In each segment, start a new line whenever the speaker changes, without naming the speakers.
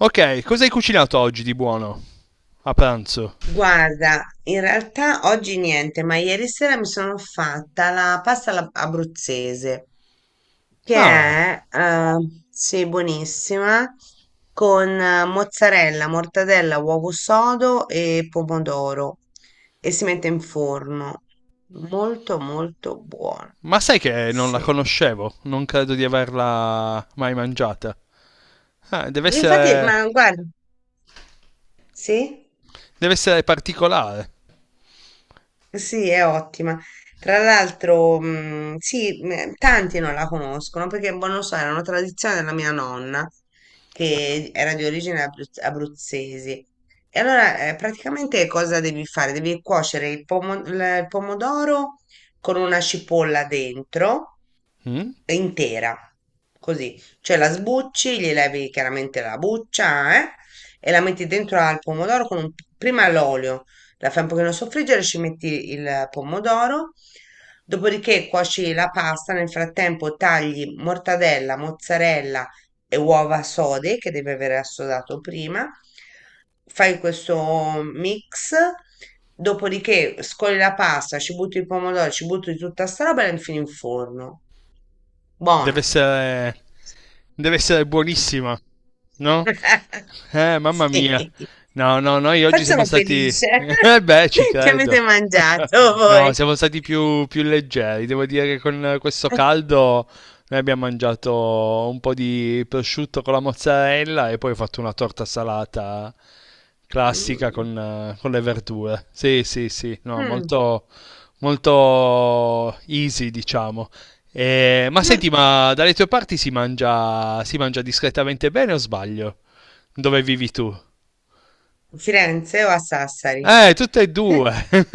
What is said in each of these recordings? Ok, cosa hai cucinato oggi di buono? A pranzo.
Guarda, in realtà oggi niente, ma ieri sera mi sono fatta la abruzzese, che
Ah,
è, eh, sì, buonissima, con mozzarella, mortadella, uovo sodo e pomodoro e si mette in forno. Molto, molto buona.
ma sai che non la
Sì.
conoscevo? Non credo di averla mai mangiata. Ah, deve
Infatti,
essere.
ma guarda, sì?
Deve essere particolare.
Sì, è ottima. Tra l'altro, sì, tanti non la conoscono perché, boh, non lo so, era una tradizione della mia nonna che era di origine abruzzese. E allora, praticamente cosa devi fare? Devi cuocere il pomodoro con una cipolla dentro,
Mm?
intera, così. Cioè la sbucci, gli levi chiaramente la buccia, e la metti dentro al pomodoro prima l'olio. La fai un pochino soffriggere, ci metti il pomodoro, dopodiché cuoci la pasta, nel frattempo tagli mortadella, mozzarella e uova sode che deve aver assodato prima. Fai questo mix, dopodiché scoli la pasta, ci butti il pomodoro, ci butti tutta sta roba e la infili in forno.
Deve
Buona.
essere. Deve essere buonissima, no? Mamma
Sì.
mia. No, no, noi
Poi
oggi siamo
sono
stati
felice
eh beh, ci
che avete
credo.
mangiato
No,
voi.
siamo stati più leggeri. Devo dire che con questo caldo noi abbiamo mangiato un po' di prosciutto con la mozzarella e poi ho fatto una torta salata classica
Mm.
con le verdure. Sì, sì, sì, no,
Mm.
molto molto easy, diciamo. Ma
Io a
senti, ma dalle tue parti si mangia discretamente bene o sbaglio? Dove vivi tu?
Firenze o a Sassari?
Tutte e due.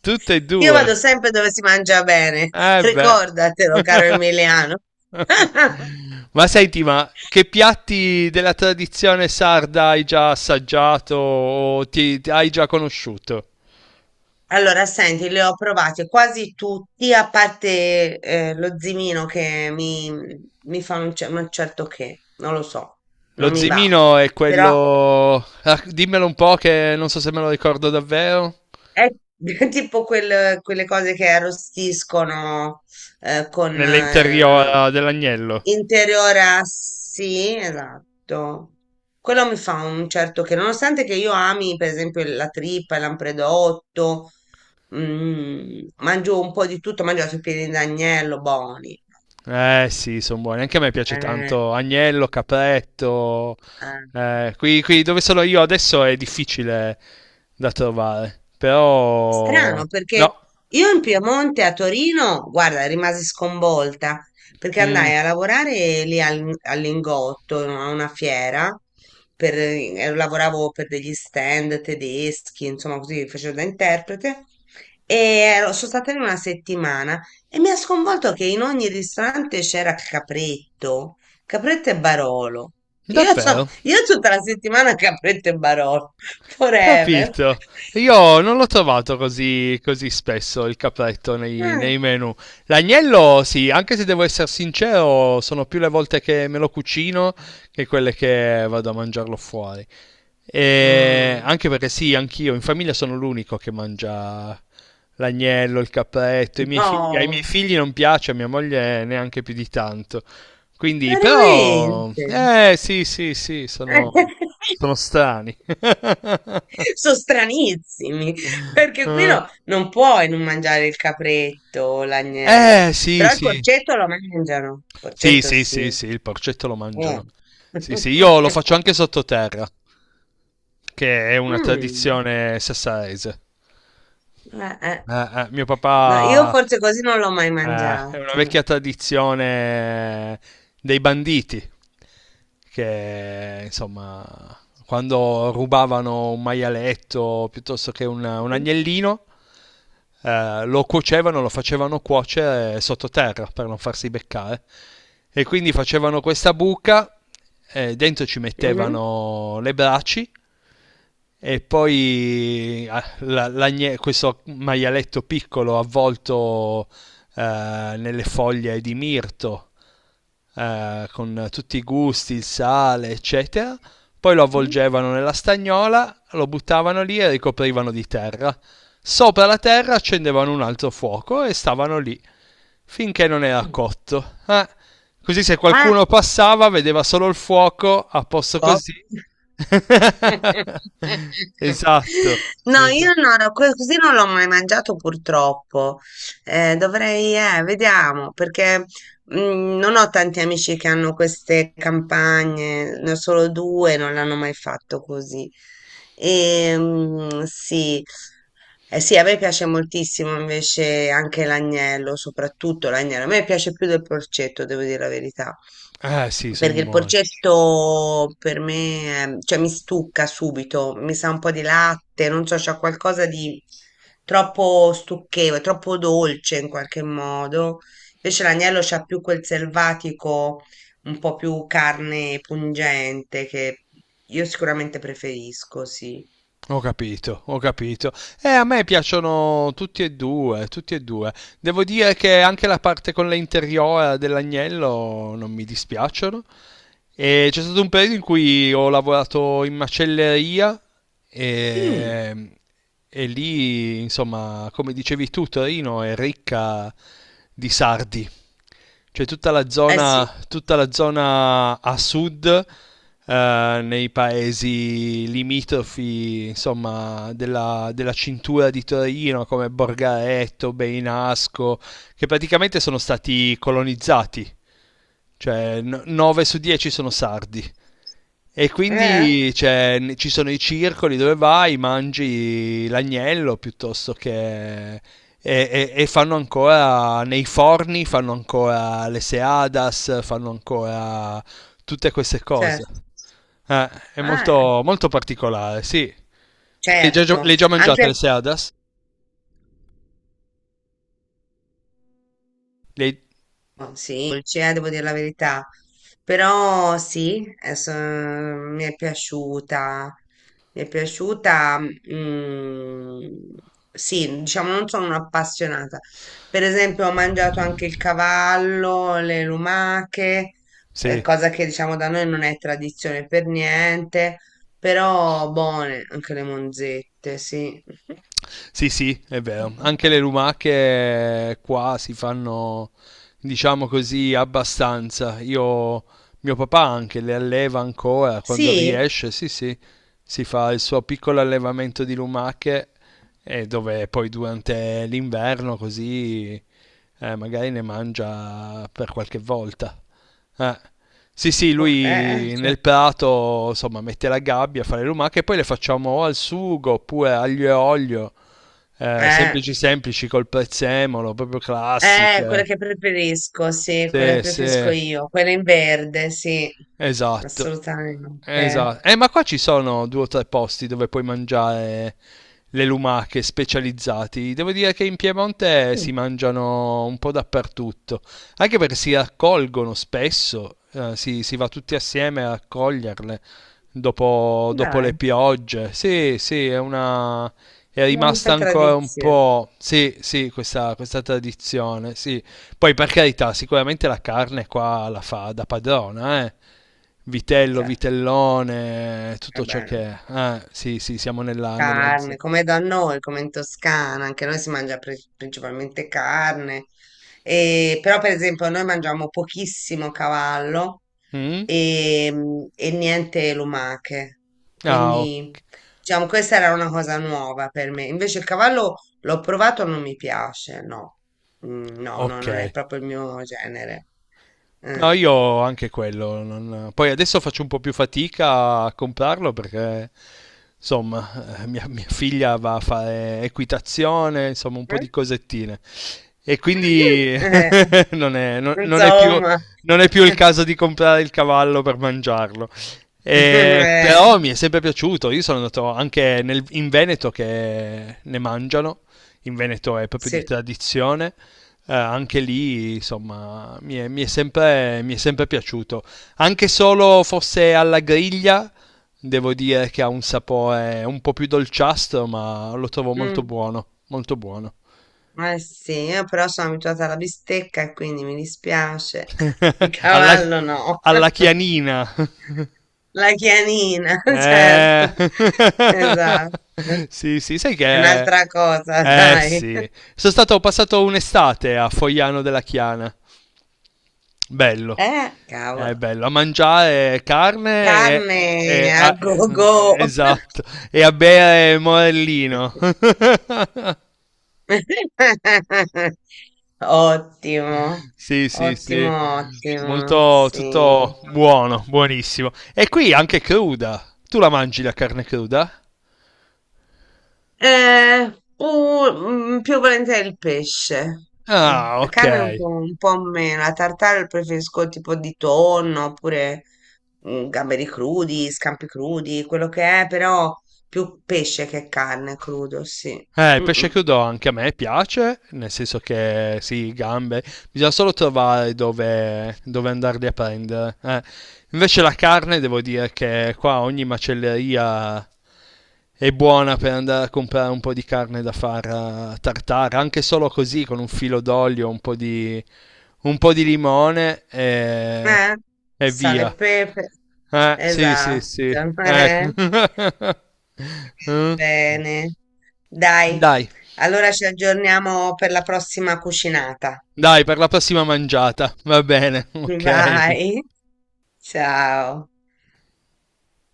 Tutte e
Io
due.
vado sempre dove si mangia bene,
Eh beh.
ricordatelo, caro Emiliano.
Ma senti, ma che piatti della tradizione sarda hai già assaggiato o ti hai già conosciuto?
Allora, senti, li ho provati quasi tutti, a parte lo zimino mi fa un, un certo che, non lo so, non
Lo
mi va.
zimino è
Però
quello... ah, dimmelo un po' che non so se me lo ricordo davvero.
è tipo quelle cose che arrostiscono con
Nell'interiola dell'agnello.
interiora, sì, esatto. Quello mi fa un certo che, nonostante che io ami, per esempio, la trippa, il lampredotto, mm, mangio un po' di tutto, mangio anche i piedi d'agnello, buoni.
Eh sì, sono buoni. Anche a me piace
Eh,
tanto agnello, capretto.
eh.
Qui dove sono io adesso è difficile da trovare, però...
Strano, perché
No,
io in Piemonte a Torino, guarda, rimasi sconvolta perché
Mm,
andai a lavorare lì all'Ingotto, a una fiera, per, lavoravo per degli stand tedeschi, insomma, così facevo da interprete. E sono stata lì una settimana e mi ha sconvolto che in ogni ristorante c'era capretto, capretto e Barolo. Io, so,
davvero?
io tutta la settimana capretto e Barolo, forever.
Capito. Io non l'ho trovato così, così spesso il capretto nei,
Ah.
nei menu. L'agnello, sì, anche se devo essere sincero, sono più le volte che me lo cucino che quelle che vado a mangiarlo fuori. E
Mm.
anche perché sì, anch'io in famiglia sono l'unico che mangia l'agnello, il capretto, i miei figli, ai miei
No,
figli non piace, a mia moglie neanche più di tanto. Quindi, però,
veramente.
eh sì, sì, sì, sono, sono strani.
Sono stranissimi, perché qui
Eh
non puoi non mangiare il capretto o l'agnello,
Sì,
però il
sì,
porcetto lo mangiano, il
sì,
porcetto
sì, sì,
sì.
sì, il porcetto lo
Eh.
mangiano. Sì, sì, io lo faccio anche sottoterra, che è una
Mm,
tradizione sassarese.
eh.
Eh, mio
No, io
papà.
forse così non l'ho mai
Eh, è una
mangiata.
vecchia tradizione dei banditi che insomma quando rubavano un maialetto piuttosto che un
Mhm,
agnellino, lo cuocevano, lo facevano cuocere sottoterra per non farsi beccare e quindi facevano questa buca, dentro ci
mhm,
mettevano le braci e poi questo maialetto piccolo avvolto nelle foglie di mirto, con tutti i gusti, il sale, eccetera. Poi lo avvolgevano nella stagnola, lo buttavano lì e ricoprivano di terra. Sopra la terra accendevano un altro fuoco e stavano lì finché non era
mhm.
cotto. Così se
Ah,
qualcuno passava vedeva solo il fuoco a posto
so.
così. Esatto,
No, io
esatto.
non così non l'ho mai mangiato purtroppo. Dovrei, vediamo, perché mm, non ho tanti amici che hanno queste campagne, ne ho solo due, non l'hanno mai fatto così. E, mm, sì. Eh sì, a me piace moltissimo invece anche l'agnello, soprattutto l'agnello. A me piace più del porcetto, devo dire la verità.
Eh sì,
Perché
sono
il
buoni.
porcetto per me, cioè mi stucca subito, mi sa un po' di latte, non so, c'è qualcosa di troppo stucchevole, troppo dolce in qualche modo. Invece l'agnello c'ha più quel selvatico, un po' più carne pungente che io sicuramente preferisco, sì.
Ho capito, ho capito. A me piacciono tutti e due, tutti e due. Devo dire che anche la parte con le interiora dell'agnello non mi dispiacciono. E c'è stato un periodo in cui ho lavorato in macelleria
Mm,
e, e lì, insomma, come dicevi tu, Torino è ricca di sardi. Cioè
eh sì,
tutta la zona a sud, nei paesi limitrofi, insomma, della cintura di Torino, come Borgaretto, Beinasco, che praticamente sono stati colonizzati. Cioè 9 su 10 sono sardi. E
eh,
quindi cioè, ci sono i circoli dove vai, mangi l'agnello piuttosto che... E, e fanno ancora, nei forni fanno ancora le seadas, fanno ancora tutte queste cose.
certo.
Eh, è
Ah,
molto, molto particolare, sì. Tu le hai già, le
certo.
hai già mangiate
Anche
le seadas? Le hai-
oh, sì, dolce, devo dire la verità. Però sì, adesso, mi è piaciuta. Mi è piaciuta. Mm, sì, diciamo, non sono un'appassionata. Per esempio, ho mangiato anche il cavallo, le lumache,
Sì.
cosa che diciamo da noi non è tradizione per niente. Però buone anche le monzette, sì.
Sì, sì, è vero. Anche le lumache qua si fanno, diciamo così, abbastanza. Io, mio papà anche le alleva ancora quando
Sì,
riesce, sì, sì, si fa il suo piccolo allevamento di lumache e dove poi durante l'inverno così, magari ne mangia per qualche volta. Eh. Sì, sì,
ok,
lui
cioè,
nel prato, insomma, mette la gabbia, fa le lumache e poi le facciamo o al sugo oppure aglio e olio,
eh.
semplici semplici col prezzemolo, proprio
Quella
classiche.
che preferisco, sì, quella
Sì,
che preferisco
sì,
io, quella in verde, sì,
esatto.
assolutamente.
Esatto. Ma qua ci sono due o tre posti dove puoi mangiare le lumache specializzati. Devo dire che in Piemonte
Mm,
si mangiano un po' dappertutto, anche perché si raccolgono spesso, si va tutti assieme a raccoglierle dopo, dopo
dai,
le
è
piogge. Sì, sì, è una... È rimasta
una
ancora un
tradizione,
po', sì, sì, questa tradizione, sì. Poi per carità, sicuramente la carne qua la fa da padrona, eh. Vitello,
cioè,
vitellone, tutto ciò
vabbè.
che è. Sì, sì, siamo nella, nella zona.
Carne, come da noi, come in Toscana, anche noi si mangia principalmente carne, e, però per esempio noi mangiamo pochissimo cavallo
Mm?
e, mm, e niente lumache,
Ah, ok.
quindi diciamo questa era una cosa nuova per me, invece il cavallo l'ho provato, non mi piace, no, mm, no, no,
Ok,
non è proprio il mio genere.
no,
Eh.
io anche quello. Poi adesso faccio un po' più fatica a comprarlo perché, insomma, mia figlia va a fare equitazione, insomma, un po' di cosettine. E quindi
Eh?
non è, non è più,
Insomma.
non è più il caso di comprare il cavallo per mangiarlo.
Eh,
Però mi è sempre piaciuto. Io sono andato anche in Veneto che ne mangiano. In Veneto è proprio di
sì.
tradizione. Anche lì, insomma, mi è sempre piaciuto. Anche solo fosse alla griglia, devo dire che ha un sapore un po' più dolciastro, ma lo trovo molto
Mm,
buono, molto buono.
eh sì, io però sono abituata alla bistecca e quindi mi dispiace. Il
Alla,
cavallo no.
alla chianina.
La chianina,
Eh.
certo. Esatto.
Sì, sì, sai
È
che...
un'altra cosa,
Eh
dai.
sì, sono stato ho passato un'estate a Fogliano della Chiana. Bello.
Cavolo.
È bello, a mangiare carne e,
Carne
e-
a
a-
go-go.
esatto, e a bere morellino.
Ottimo,
Sì, sì, sì,
ottimo, ottimo,
molto,
sì.
tutto buono, buonissimo. E qui anche cruda. Tu la mangi la carne cruda?
Mm, più volentieri il pesce. Mm,
Ah,
la
ok.
carne un po' meno. La tartare preferisco tipo di tonno oppure mm, gamberi crudi, scampi crudi, quello che è, però più pesce che carne crudo, sì.
Il
Mm,
pesce
mm.
crudo anche a me piace, nel senso che sì, gambe, bisogna solo trovare dove, dove andarli a prendere. Eh. Invece la carne, devo dire che qua ogni macelleria è buona per andare a comprare un po' di carne da far, tartare, anche solo così, con un filo d'olio, un po' di limone
Eh?
e
Sale e
via.
pepe.
Sì, sì,
Esatto.
sì.
eh.
Ecco. Eh.
Bene. Dai,
Dai.
allora ci aggiorniamo per la prossima cucinata.
Dai, per la prossima mangiata. Va bene, ok.
Vai. Ciao.